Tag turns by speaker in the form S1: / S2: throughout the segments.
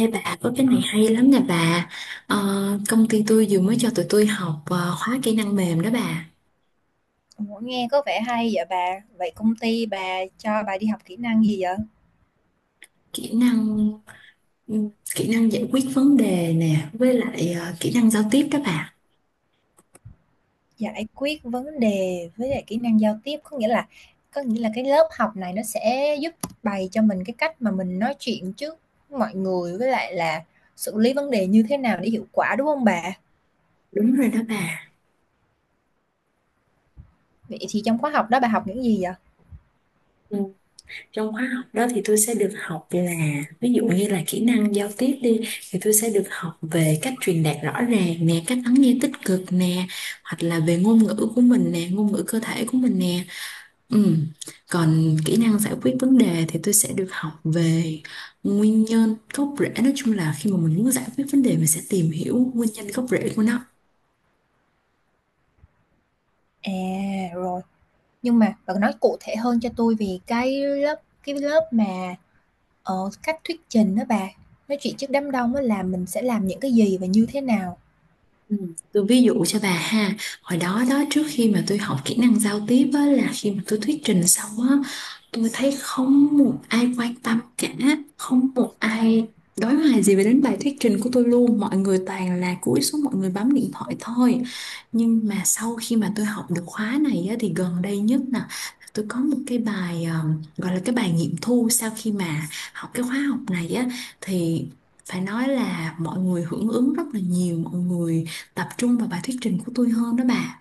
S1: Ê bà, có cái này hay lắm nè bà. Ờ, công ty tôi vừa mới cho tụi tôi học khóa kỹ năng mềm đó bà.
S2: Ủa, nghe có vẻ hay vậy bà. Vậy công ty bà cho bà đi học kỹ năng gì vậy?
S1: Kỹ năng ừm, kỹ năng giải quyết vấn đề nè. Với lại kỹ năng giao tiếp đó bà.
S2: Giải quyết vấn đề với lại kỹ năng giao tiếp có nghĩa là cái lớp học này nó sẽ giúp bày cho mình cái cách mà mình nói chuyện trước mọi người với lại là xử lý vấn đề như thế nào để hiệu quả đúng không bà?
S1: Đúng rồi đó bà.
S2: Vậy thì trong khóa học đó bà học những gì vậy?
S1: Ừ, trong khóa học đó thì tôi sẽ được học là, ví dụ như là kỹ năng giao tiếp đi, thì tôi sẽ được học về cách truyền đạt rõ ràng nè, cách lắng nghe tích cực nè, hoặc là về ngôn ngữ của mình nè, ngôn ngữ cơ thể của mình nè. Ừ. Còn kỹ năng giải quyết vấn đề thì tôi sẽ được học về nguyên nhân gốc rễ. Nói chung là khi mà mình muốn giải quyết vấn đề, mình sẽ tìm hiểu nguyên nhân gốc rễ của nó.
S2: À, rồi. Nhưng mà bạn nói cụ thể hơn cho tôi về cái lớp mà, ờ, cách thuyết trình đó bà, nói chuyện trước đám đông á là mình sẽ làm những cái gì và như thế nào?
S1: Ừ, tôi ví dụ cho bà ha. Hồi đó đó, trước khi mà tôi học kỹ năng giao tiếp á, là khi mà tôi thuyết trình xong á, tôi thấy không một ai quan tâm cả, không một ai đối hoài gì về đến bài thuyết trình của tôi luôn. Mọi người toàn là cúi xuống, mọi người bấm điện thoại thôi. Nhưng mà sau khi mà tôi học được khóa này á, thì gần đây nhất nè, tôi có một cái bài gọi là cái bài nghiệm thu. Sau khi mà học cái khóa học này á, thì phải nói là mọi người hưởng ứng rất là nhiều, mọi người tập trung vào bài thuyết trình của tôi hơn đó bà.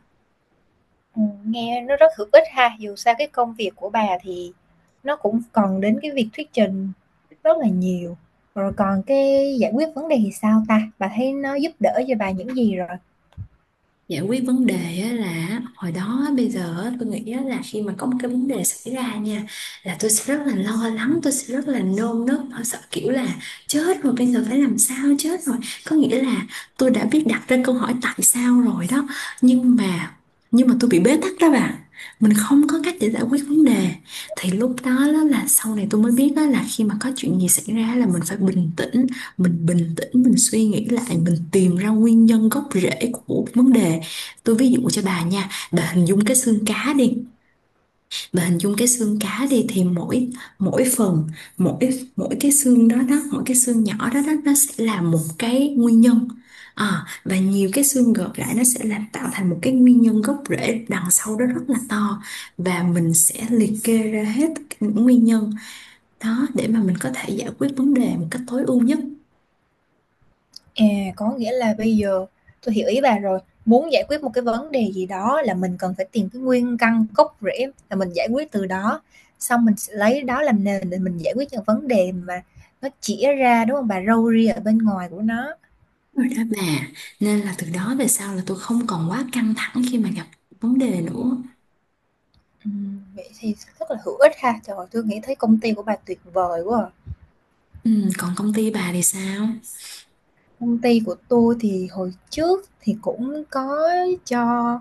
S2: Nghe nó rất hữu ích ha, dù sao cái công việc của bà thì nó cũng cần đến cái việc thuyết trình rất là nhiều. Rồi còn cái giải quyết vấn đề thì sao ta? Bà thấy nó giúp đỡ cho bà những gì rồi?
S1: Giải quyết vấn đề á, là hồi đó bây giờ á, tôi nghĩ á, là khi mà có một cái vấn đề xảy ra nha, là tôi sẽ rất là lo lắng, tôi sẽ rất là nôn nức, tôi sợ kiểu là chết rồi bây giờ phải làm sao, chết rồi, có nghĩa là tôi đã biết đặt ra câu hỏi tại sao rồi đó. Nhưng mà nhưng mà tôi bị bế tắc đó bạn, mình không có cách để giải quyết vấn đề. Thì lúc đó, đó là sau này tôi mới biết, đó là khi mà có chuyện gì xảy ra là mình phải bình tĩnh, mình bình tĩnh, mình suy nghĩ lại, mình tìm ra nguyên nhân gốc rễ của vấn đề. Tôi ví dụ cho bà nha, bà hình dung cái xương cá đi, bà hình dung cái xương cá đi, thì mỗi mỗi phần, mỗi mỗi cái xương đó đó, mỗi cái xương nhỏ đó đó, nó sẽ là một cái nguyên nhân. À, và nhiều cái xương gộp lại nó sẽ làm tạo thành một cái nguyên nhân gốc rễ đằng sau đó rất là to, và mình sẽ liệt kê ra hết tất cả những nguyên nhân đó để mà mình có thể giải quyết vấn đề một cách tối ưu nhất.
S2: À, có nghĩa là bây giờ tôi hiểu ý bà rồi. Muốn giải quyết một cái vấn đề gì đó là mình cần phải tìm cái nguyên căn gốc rễ là mình giải quyết từ đó, xong mình sẽ lấy đó làm nền để mình giải quyết những vấn đề mà nó chĩa ra, đúng không bà? Râu ria ở bên ngoài của nó.
S1: Rồi đó bà, nên là từ đó về sau là tôi không còn quá căng thẳng khi mà gặp vấn đề nữa.
S2: Vậy thì rất là hữu ích ha. Trời ơi, tôi nghĩ thấy công ty của bà tuyệt vời quá à.
S1: Ừ, còn công ty bà thì sao?
S2: Công ty của tôi thì hồi trước thì cũng có cho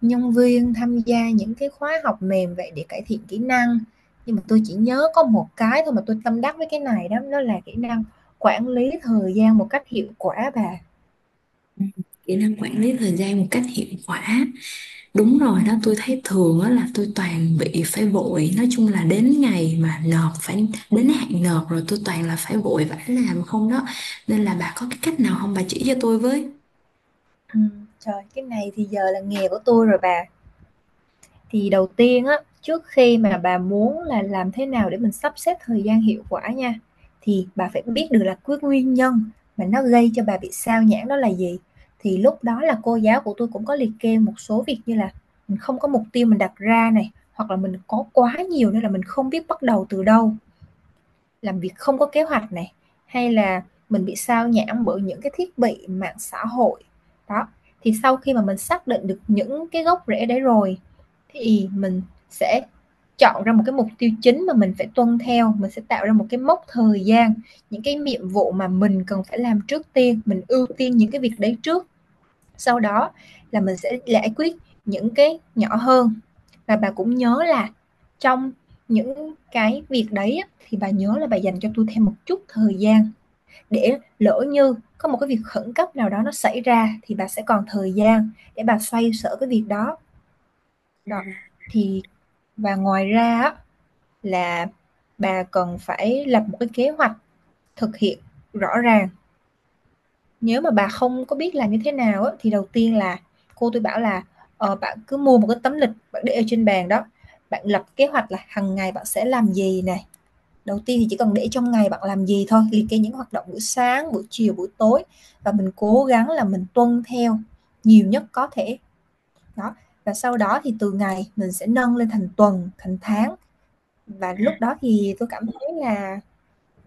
S2: nhân viên tham gia những cái khóa học mềm vậy để cải thiện kỹ năng, nhưng mà tôi chỉ nhớ có một cái thôi mà tôi tâm đắc với cái này đó đó là kỹ năng quản lý thời gian một cách hiệu quả bà.
S1: Ừ. Kỹ năng quản lý thời gian một cách hiệu quả. Đúng rồi
S2: Ừ,
S1: đó, tôi thấy thường á là tôi toàn bị phải vội. Nói chung là đến ngày mà nộp, phải đến hạn nộp rồi tôi toàn là phải vội vã làm không đó. Nên là bà có cái cách nào không, bà chỉ cho tôi với?
S2: ừ, trời cái này thì giờ là nghề của tôi rồi bà. Thì đầu tiên á, trước khi mà bà muốn là làm thế nào để mình sắp xếp thời gian hiệu quả nha, thì bà phải biết được là cái nguyên nhân mà nó gây cho bà bị sao nhãng đó là gì. Thì lúc đó là cô giáo của tôi cũng có liệt kê một số việc như là mình không có mục tiêu mình đặt ra này, hoặc là mình có quá nhiều nên là mình không biết bắt đầu từ đâu, làm việc không có kế hoạch này, hay là mình bị sao nhãng bởi những cái thiết bị mạng xã hội đó. Thì sau khi mà mình xác định được những cái gốc rễ đấy rồi thì mình sẽ chọn ra một cái mục tiêu chính mà mình phải tuân theo, mình sẽ tạo ra một cái mốc thời gian, những cái nhiệm vụ mà mình cần phải làm trước tiên mình ưu tiên những cái việc đấy trước, sau đó là mình sẽ giải quyết những cái nhỏ hơn. Và bà cũng nhớ là trong những cái việc đấy thì bà nhớ là bà dành cho tôi thêm một chút thời gian để lỡ như có một cái việc khẩn cấp nào đó nó xảy ra thì bà sẽ còn thời gian để bà xoay sở cái việc đó. Đó. Thì và ngoài ra là bà cần phải lập một cái kế hoạch thực hiện rõ ràng. Nếu mà bà không có biết làm như thế nào á, thì đầu tiên là cô tôi bảo là, bạn cứ mua một cái tấm lịch bạn để ở trên bàn đó, bạn lập kế hoạch là hằng ngày bạn sẽ làm gì này. Đầu tiên thì chỉ cần để trong ngày bạn làm gì thôi, liệt kê những hoạt động buổi sáng, buổi chiều, buổi tối, và mình cố gắng là mình tuân theo nhiều nhất có thể. Đó, và sau đó thì từ ngày mình sẽ nâng lên thành tuần, thành tháng, và lúc đó thì tôi cảm thấy là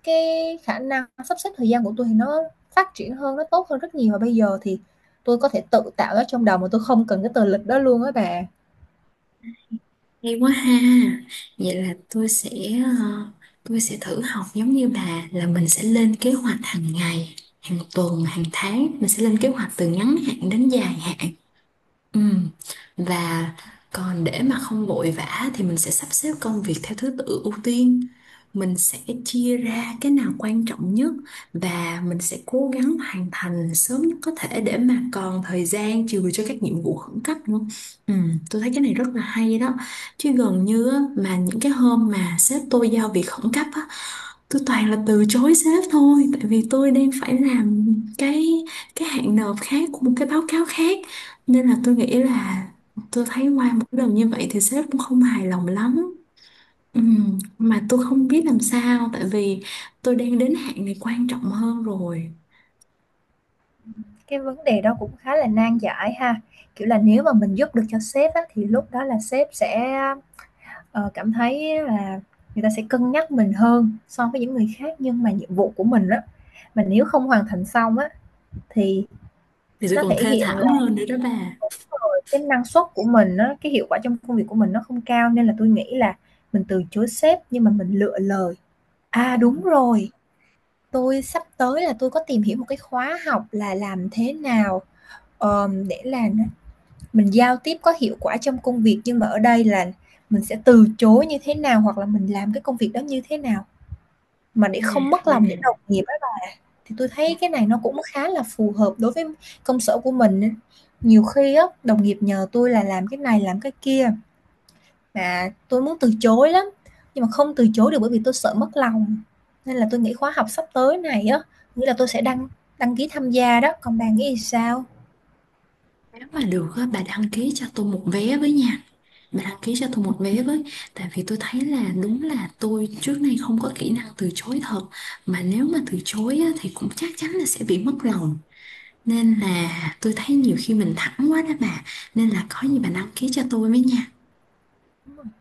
S2: cái khả năng sắp xếp thời gian của tôi thì nó phát triển hơn, nó tốt hơn rất nhiều, và bây giờ thì tôi có thể tự tạo nó trong đầu mà tôi không cần cái tờ lịch đó luôn á bà.
S1: Hay quá ha. Vậy là tôi sẽ ờ, tôi sẽ thử học giống như bà, là mình sẽ lên kế hoạch hàng ngày, hàng tuần, hàng tháng. Mình sẽ lên kế hoạch từ ngắn hạn đến dài hạn. Ừ. Và còn để mà không vội vã thì mình sẽ sắp xếp công việc theo thứ tự ưu tiên. Mình sẽ chia ra cái nào quan trọng nhất, và mình sẽ cố gắng hoàn thành sớm nhất có thể để mà còn thời gian chừa cho các nhiệm vụ khẩn cấp nữa. Ừ, tôi thấy cái này rất là hay đó. Chứ gần như á, mà những cái hôm mà sếp tôi giao việc khẩn cấp á, tôi toàn là từ chối sếp thôi, tại vì tôi đang phải làm cái cái hạn nộp khác của một cái báo cáo khác, nên là tôi nghĩ là tôi thấy qua một cái lần như vậy thì sếp cũng không hài lòng lắm. Mà tôi không biết làm sao, tại vì tôi đang đến hạn này quan trọng hơn rồi.
S2: Cái vấn đề đó cũng khá là nan giải ha. Kiểu là nếu mà mình giúp được cho sếp á, thì lúc đó là sếp sẽ cảm thấy là người ta sẽ cân nhắc mình hơn so với những người khác, nhưng mà nhiệm vụ của mình á, mà nếu không hoàn thành xong á thì
S1: Thì tôi
S2: nó
S1: còn
S2: thể
S1: thê
S2: hiện
S1: thảm hơn nữa đó bà.
S2: rồi cái năng suất của mình á, cái hiệu quả trong công việc của mình nó không cao, nên là tôi nghĩ là mình từ chối sếp nhưng mà mình lựa lời. À,
S1: Ừ.
S2: đúng rồi, tôi sắp tới là tôi có tìm hiểu một cái khóa học là làm thế nào, để là mình giao tiếp có hiệu quả trong công việc, nhưng mà ở đây là mình sẽ từ chối như thế nào hoặc là mình làm cái công việc đó như thế nào mà
S1: Ừ,
S2: để không mất
S1: ừ.
S2: lòng những đồng nghiệp á. Thì tôi thấy cái này nó cũng khá là phù hợp đối với công sở của mình á. Nhiều khi á, đồng nghiệp nhờ tôi là làm cái này làm cái kia. Và tôi muốn từ chối lắm, nhưng mà không từ chối được bởi vì tôi sợ mất lòng. Nên là tôi nghĩ khóa học sắp tới này á, nghĩa là tôi sẽ đăng đăng ký tham gia đó, còn bạn nghĩ sao?
S1: Nếu mà được á, bà đăng ký cho tôi một vé với nha. Bà đăng ký cho tôi một vé với. Tại vì tôi thấy là đúng là tôi trước nay không có kỹ năng từ chối thật. Mà nếu mà từ chối á, thì cũng chắc chắn là sẽ bị mất lòng. Nên là tôi thấy nhiều khi mình thẳng quá đó bà. Nên là có gì bà đăng ký cho tôi với nha.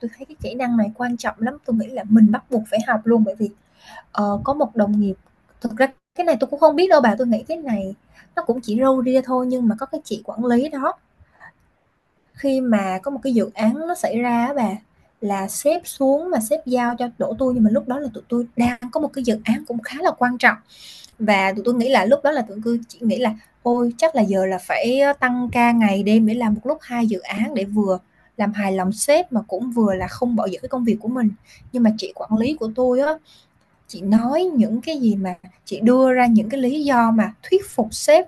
S2: Tôi thấy cái kỹ năng này quan trọng lắm, tôi nghĩ là mình bắt buộc phải học luôn bởi vì có một đồng nghiệp, thực ra cái này tôi cũng không biết đâu bà, tôi nghĩ cái này nó cũng chỉ râu ria thôi, nhưng mà có cái chị quản lý đó, khi mà có một cái dự án nó xảy ra á bà, là sếp xuống mà sếp giao cho đổ tôi, nhưng mà lúc đó là tụi tôi đang có một cái dự án cũng khá là quan trọng. Và tụi tui nghĩ là lúc đó là tụi tui chỉ nghĩ là "Ôi, chắc là giờ là phải tăng ca ngày đêm để làm một lúc 2 dự án để vừa làm hài lòng sếp mà cũng vừa là không bỏ dở cái công việc của mình." Nhưng mà chị quản lý của tôi á, chị nói những cái gì mà chị đưa ra những cái lý do mà thuyết phục sếp,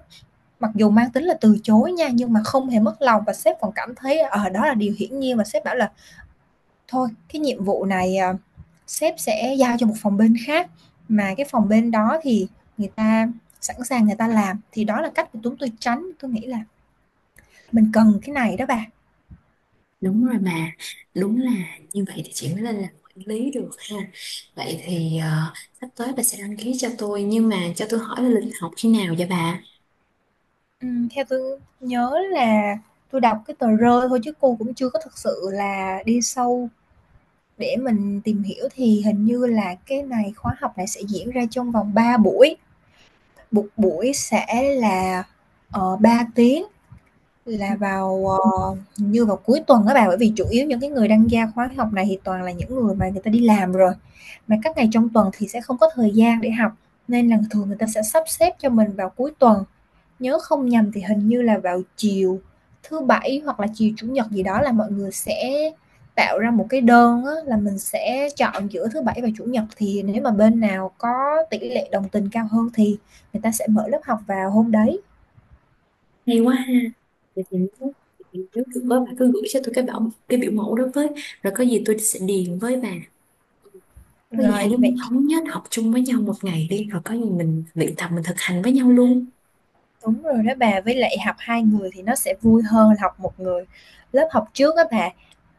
S2: mặc dù mang tính là từ chối nha, nhưng mà không hề mất lòng, và sếp còn cảm thấy ở đó là điều hiển nhiên, và sếp bảo là thôi cái nhiệm vụ này à, sếp sẽ giao cho một phòng bên khác, mà cái phòng bên đó thì người ta sẵn sàng người ta làm. Thì đó là cách của chúng tôi tránh, tôi nghĩ là mình cần cái này đó bà.
S1: Đúng rồi bà. Đúng là như vậy thì chị mới lên làm quản lý được ha. Vậy thì sắp tới bà sẽ đăng ký cho tôi. Nhưng mà cho tôi hỏi là lịch học khi nào vậy bà?
S2: Ừ, theo tôi nhớ là tôi đọc cái tờ rơi thôi chứ cô cũng chưa có thực sự là đi sâu để mình tìm hiểu, thì hình như là cái này khóa học này sẽ diễn ra trong vòng 3 buổi, một buổi sẽ là ba tiếng. Là vào, hình như vào cuối tuần á bạn, bởi vì chủ yếu những cái người đăng gia khóa học này thì toàn là những người mà người ta đi làm rồi, mà các ngày trong tuần thì sẽ không có thời gian để học, nên là thường người ta sẽ sắp xếp cho mình vào cuối tuần. Nhớ không nhầm thì hình như là vào chiều thứ Bảy hoặc là chiều Chủ nhật gì đó là mọi người sẽ tạo ra một cái đơn á, là mình sẽ chọn giữa thứ Bảy và Chủ nhật, thì nếu mà bên nào có tỷ lệ đồng tình cao hơn thì người ta sẽ mở lớp học vào hôm đấy.
S1: Hay quá ha. Vậy thì vậy thì nếu được đó, bà cứ gửi cho tôi cái cái biểu mẫu đó với. Rồi có gì tôi sẽ điền với bà. Có gì hai
S2: Rồi,
S1: đứa
S2: vậy.
S1: mình thống nhất học chung với nhau một ngày đi. Rồi có gì mình luyện tập, mình thực hành với nhau luôn.
S2: Đúng rồi đó bà, với lại học 2 người thì nó sẽ vui hơn học một người. Lớp học trước đó bà,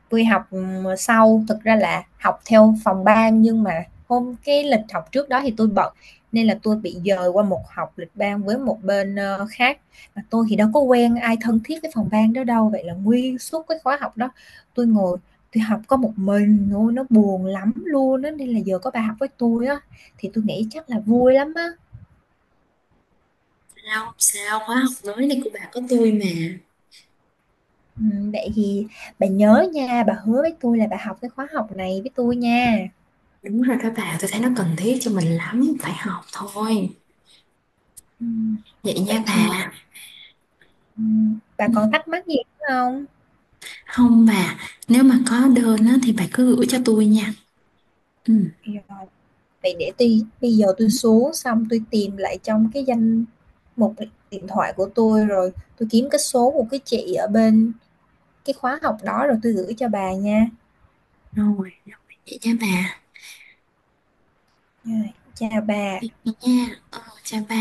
S2: tôi học thực ra là học theo phòng ban, nhưng mà hôm cái lịch học trước đó thì tôi bận nên là tôi bị dời qua một học lịch ban với một bên khác. Mà tôi thì đâu có quen ai thân thiết với phòng ban đó đâu, vậy là nguyên suốt cái khóa học đó tôi ngồi tôi học có một mình thôi, nó buồn lắm luôn á, nên là giờ có bà học với tôi á thì tôi nghĩ chắc là vui lắm á.
S1: Sao, khóa học mới này của bà có tôi mà.
S2: Vậy thì bà nhớ nha, bà hứa với tôi là bà học cái khóa học này với tôi nha.
S1: Đúng rồi các bà, tôi thấy nó cần thiết cho mình lắm, phải học thôi.
S2: Ừm,
S1: Vậy
S2: Vậy
S1: nha
S2: thì
S1: bà.
S2: bà
S1: Ừ.
S2: còn thắc mắc gì nữa không?
S1: Không bà, nếu mà có đơn á, thì bà cứ gửi cho tôi nha. Ừ.
S2: Rồi, vậy để tôi bây giờ tôi xuống xong tôi tìm lại trong cái danh mục điện thoại của tôi rồi tôi kiếm cái số của cái chị ở bên cái khóa học đó rồi tôi gửi cho bà nha.
S1: Rồi, rồi, vậy nha bà.
S2: Rồi, chào bà.
S1: Vậy nha, chào bà.